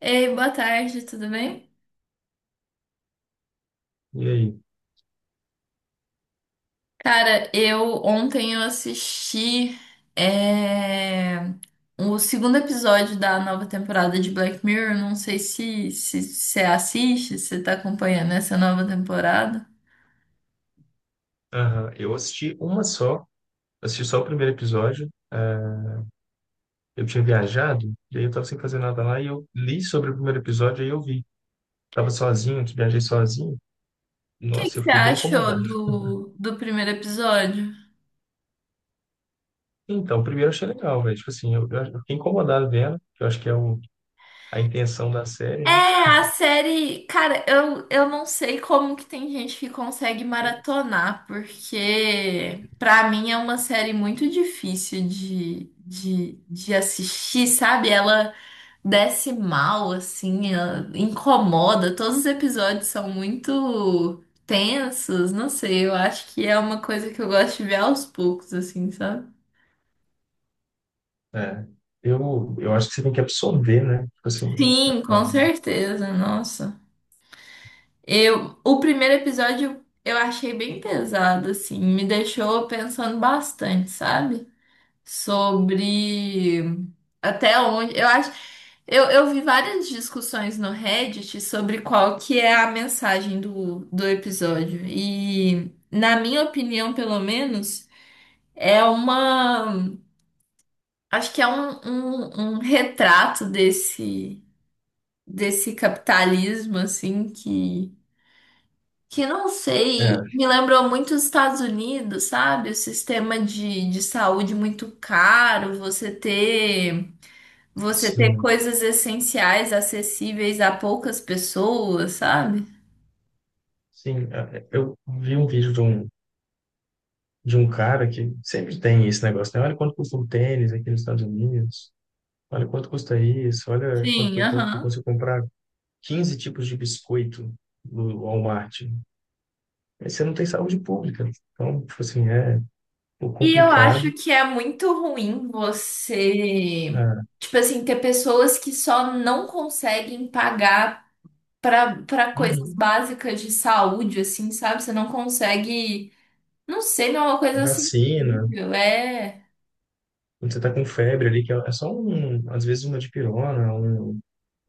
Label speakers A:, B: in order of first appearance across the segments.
A: Ei, boa tarde, tudo bem?
B: E aí?
A: Cara, eu ontem eu assisti é, o segundo episódio da nova temporada de Black Mirror. Não sei se você assiste, se você tá acompanhando essa nova temporada.
B: Aham, eu assisti uma só, assisti só o primeiro episódio. Eu tinha viajado, e aí eu tava sem fazer nada lá, e eu li sobre o primeiro episódio, aí eu vi. Tava sozinho, que viajei sozinho.
A: O que que
B: Nossa, eu
A: você
B: fiquei bem
A: achou
B: incomodado.
A: do primeiro episódio?
B: Então, o primeiro eu achei legal, velho. Tipo assim, eu fiquei incomodado vendo, que eu acho que é o, a intenção da série, né?
A: É, a série, cara, eu não sei como que tem gente que consegue maratonar, porque pra mim é uma série muito difícil de assistir, sabe? Ela desce mal, assim, ela incomoda, todos os episódios são muito tensos, não sei, eu acho que é uma coisa que eu gosto de ver aos poucos, assim, sabe?
B: É. Eu acho que você tem que absorver, né? Tipo assim,
A: Sim, com certeza, nossa. Eu, o primeiro episódio eu achei bem pesado, assim, me deixou pensando bastante, sabe? Sobre até onde. Eu acho. Eu vi várias discussões no Reddit sobre qual que é a mensagem do episódio. E, na minha opinião, pelo menos, é uma. Acho que é um retrato desse capitalismo, assim, que não
B: é, é,
A: sei, me lembrou muito os Estados Unidos, sabe? O sistema de saúde muito caro, você ter
B: sim,
A: coisas essenciais acessíveis a poucas pessoas, sabe?
B: sim. Eu vi um vídeo de um cara que sempre tem esse negócio, né? Olha quanto custa um tênis aqui nos Estados Unidos, olha quanto custa isso, olha quanto
A: Sim,
B: que eu, eu
A: aham.
B: consigo comprar 15 tipos de biscoito no Walmart. Aí você não tem saúde pública. Então, tipo assim, é um pouco
A: E eu acho
B: complicado.
A: que é muito ruim você,
B: Ah,
A: tipo assim, ter pessoas que só não conseguem pagar para coisas
B: uhum.
A: básicas de saúde, assim, sabe? Você não consegue, não sei, não é uma coisa assim.
B: Vacina,
A: É.
B: quando você tá com febre ali, que é só um, às vezes uma dipirona, um,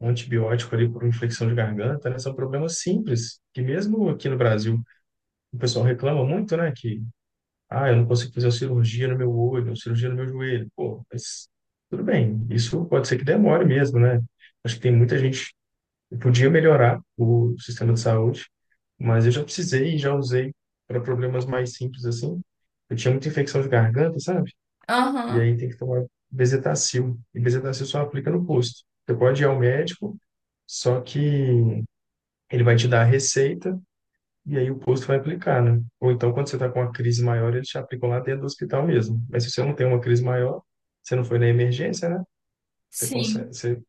B: um antibiótico ali por infecção de garganta, né? São problemas simples, que mesmo aqui no Brasil o pessoal reclama muito, né? Que ah, eu não consigo fazer a cirurgia no meu olho, a cirurgia no meu joelho. Pô, mas tudo bem, isso pode ser que demore mesmo, né? Acho que tem muita gente que podia melhorar o sistema de saúde, mas eu já precisei e já usei para problemas mais simples assim. Eu tinha muita infecção de garganta, sabe? E
A: Aham,
B: aí tem que tomar Bezetacil. E Bezetacil só aplica no posto. Você pode ir ao médico, só que ele vai te dar a receita e aí o posto vai aplicar, né? Ou então, quando você está com uma crise maior, eles te aplicam lá dentro do hospital mesmo. Mas se você não tem uma crise maior, você não foi na emergência, né? Você consegue,
A: sim.
B: você,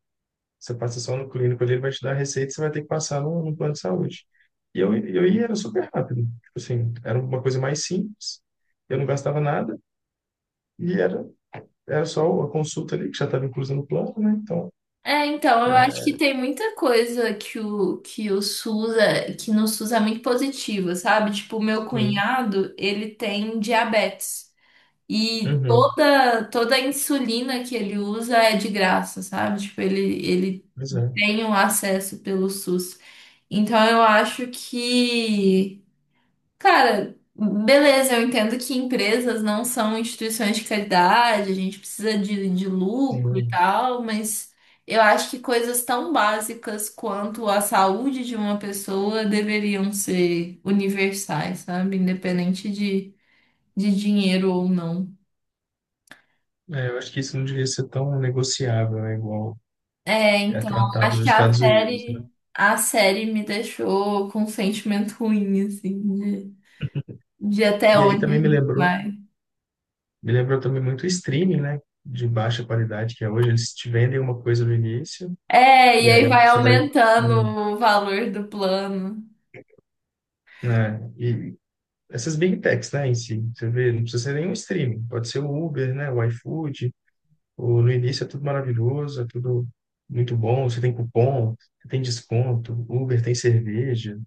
B: você passa só no clínico ali, ele vai te dar a receita e você vai ter que passar no plano de saúde. E eu ia, era super rápido. Tipo assim, era uma coisa mais simples, eu não gastava nada e era, era só a consulta ali, que já estava inclusa no plano, né? Então,
A: É, então, eu acho que tem muita coisa que o SUS é, que no SUS é muito positiva, sabe? Tipo, o meu
B: sim.
A: cunhado, ele tem diabetes. E
B: Uhum.
A: toda, toda a insulina que ele usa é de graça, sabe? Tipo, ele
B: Pois é.
A: tem o acesso pelo SUS. Então, eu acho que cara, beleza, eu entendo que empresas não são instituições de caridade, a gente precisa de lucro e
B: Sim.
A: tal, mas eu acho que coisas tão básicas quanto a saúde de uma pessoa deveriam ser universais, sabe? Independente de dinheiro ou não.
B: É, eu acho que isso não devia ser tão negociável, né? Igual
A: É,
B: é
A: então,
B: tratado
A: acho que
B: nos Estados Unidos, né?
A: a série me deixou com um sentimento ruim, assim, de, de até
B: E aí
A: onde a
B: também
A: gente vai.
B: me lembrou também muito o streaming, né? De baixa qualidade que é hoje, eles te vendem uma coisa no início
A: É,
B: e
A: e aí
B: aí
A: vai
B: você vai,
A: aumentando
B: né?
A: o valor do plano.
B: Né, E essas big techs, né? Em si, você vê, não precisa ser nenhum streaming, pode ser o Uber, né? O iFood, o, no início é tudo maravilhoso, é tudo muito bom, você tem cupom, você tem desconto, Uber tem cerveja,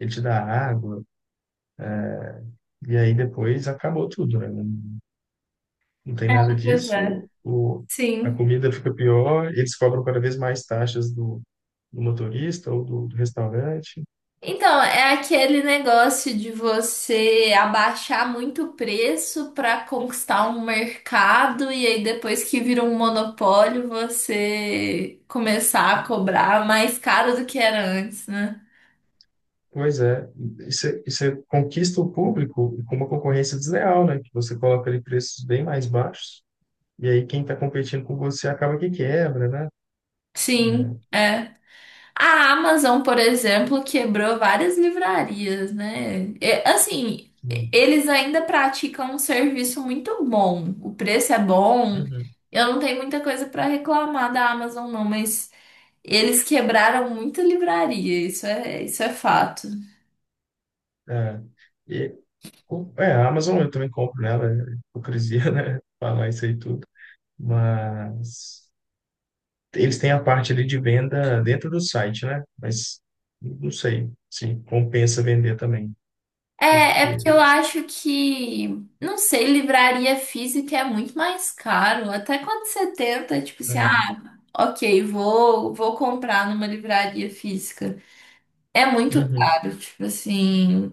B: ele te dá água e aí depois acabou tudo, né? Não tem nada
A: Pois é.
B: disso, o, a
A: Sim.
B: comida fica pior, eles cobram cada vez mais taxas do, do motorista ou do, do restaurante.
A: Então, é aquele negócio de você abaixar muito o preço para conquistar um mercado e aí depois que vira um monopólio, você começar a cobrar mais caro do que era antes, né?
B: Pois é, e você conquista o público com uma concorrência desleal, né? Que você coloca ali preços bem mais baixos, e aí quem está competindo com você acaba que quebra, né?
A: Sim, é. A Amazon, por exemplo, quebrou várias livrarias, né? É, assim,
B: Sim.
A: eles ainda praticam um serviço muito bom. O preço é bom.
B: Uhum.
A: Eu não tenho muita coisa para reclamar da Amazon, não, mas eles quebraram muita livraria. Isso é fato.
B: É. E, é, a Amazon eu também compro nela, é hipocrisia, né? Falar isso aí tudo. Mas eles têm a parte ali de venda dentro do site, né? Mas não sei se compensa vender também,
A: É, é
B: porque.
A: porque eu acho que, não sei, livraria física é muito mais caro. Até quando você tenta, tipo assim,
B: É,
A: ah, ok, vou comprar numa livraria física. É muito
B: uhum,
A: caro, tipo assim,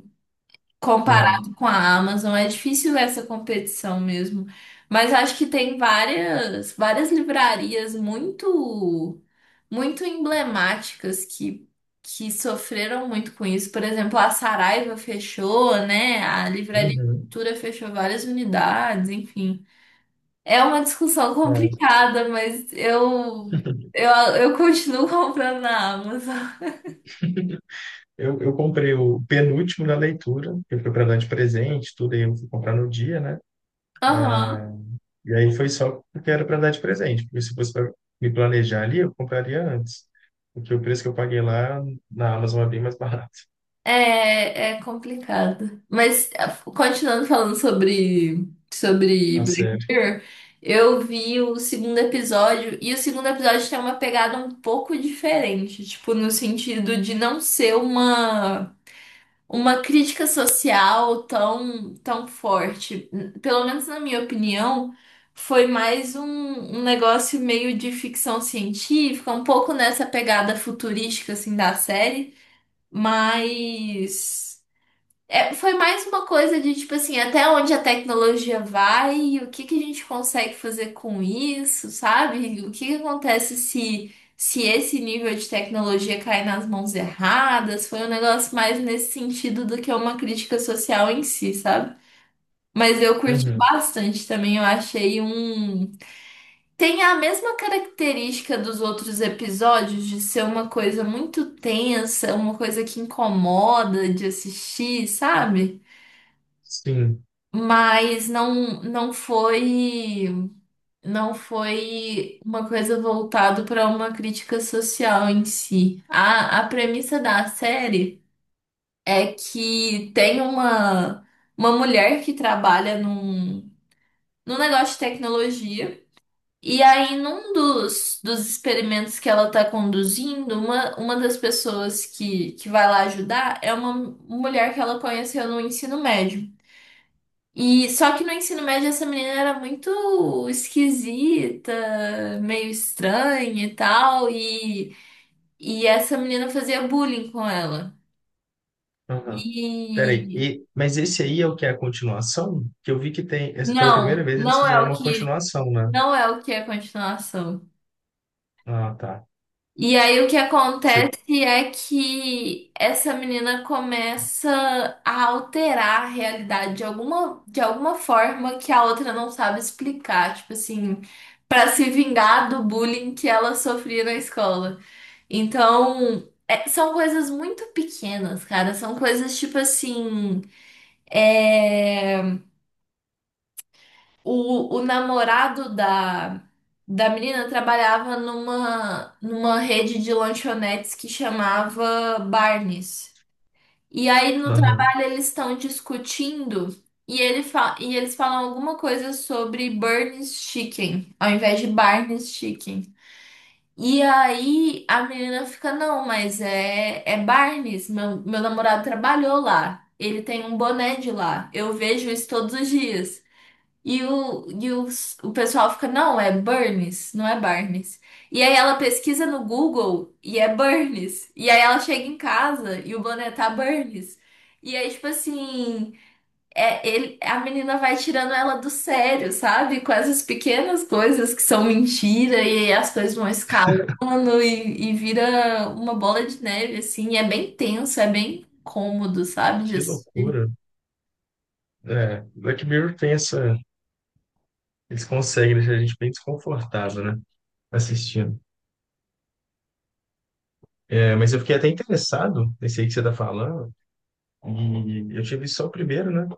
B: é,
A: comparado com a Amazon, é difícil essa competição mesmo. Mas acho que tem várias livrarias muito, muito emblemáticas que sofreram muito com isso. Por exemplo, a Saraiva fechou, né? A Livraria
B: uhum,
A: Cultura fechou várias unidades, enfim. É uma discussão
B: é.
A: complicada, mas eu, eu continuo comprando na Amazon.
B: Eu comprei o penúltimo na leitura, que foi para dar de presente, tudo aí eu fui comprar no dia, né?
A: Aham.
B: E aí foi só porque era para dar de presente, porque se fosse para me planejar ali, eu compraria antes. Porque o preço que eu paguei lá na Amazon é bem mais barato,
A: É, é complicado. Mas ah, continuando falando sobre
B: a
A: Black
B: sério.
A: Mirror, eu vi o segundo episódio e o segundo episódio tem uma pegada um pouco diferente, tipo no sentido de não ser uma crítica social tão forte. Pelo menos na minha opinião, foi mais um negócio meio de ficção científica, um pouco nessa pegada futurística assim da série, mas é, foi mais uma coisa de tipo assim, até onde a tecnologia vai e o que que a gente consegue fazer com isso, sabe? O que que acontece se esse nível de tecnologia cai nas mãos erradas? Foi um negócio mais nesse sentido do que uma crítica social em si, sabe? Mas eu curti
B: Uhum,
A: bastante também, eu achei um tem a mesma característica dos outros episódios de ser uma coisa muito tensa, uma coisa que incomoda de assistir, sabe?
B: sim.
A: Mas não não foi não foi uma coisa voltada para uma crítica social em si. A premissa da série é que tem uma mulher que trabalha num negócio de tecnologia e aí num dos experimentos que ela está conduzindo, uma das pessoas que vai lá ajudar é uma mulher que ela conheceu no ensino médio. E só que no ensino médio essa menina era muito esquisita, meio estranha e tal, e essa menina fazia bullying com ela.
B: Aham. Peraí,
A: E
B: e, mas esse aí é o que é a continuação? Que eu vi que tem, pela primeira vez eles
A: não é
B: fizeram
A: o
B: uma
A: que,
B: continuação, né?
A: não é o que é a continuação.
B: Ah, tá.
A: E aí o que
B: Você,
A: acontece é que essa menina começa a alterar a realidade de alguma forma que a outra não sabe explicar, tipo assim, para se vingar do bullying que ela sofria na escola. Então, é- são coisas muito pequenas, cara, são coisas tipo assim, é, o namorado da menina trabalhava numa rede de lanchonetes que chamava Barnes. E aí no
B: aham.
A: trabalho eles estão discutindo e, ele fa e eles falam alguma coisa sobre Burns Chicken, ao invés de Barnes Chicken. E aí a menina fica, não, mas é Barnes, meu namorado trabalhou lá. Ele tem um boné de lá. Eu vejo isso todos os dias. E o, e o, o pessoal fica, não, é Burns, não é Barnes. E aí ela pesquisa no Google e é Burns. E aí ela chega em casa e o boné tá Burns. E aí, tipo assim, a menina vai tirando ela do sério, sabe? Com essas pequenas coisas que são mentira, e aí as coisas vão escalando e vira uma bola de neve, assim. E é bem tenso, é bem cômodo, sabe?
B: Que
A: Disso
B: loucura. É, Black Mirror tem essa, eles conseguem deixar a gente bem desconfortável, né? Assistindo. É, mas eu fiquei até interessado nesse aí que você tá falando, e eu tive só o primeiro, né?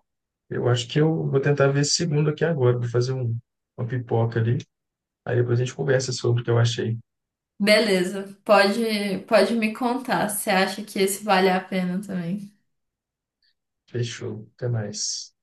B: Eu acho que eu vou tentar ver esse segundo aqui agora, vou fazer um, uma pipoca ali, aí depois a gente conversa sobre o que eu achei.
A: beleza, pode me contar. Você acha que esse vale a pena também?
B: Fechou, até mais.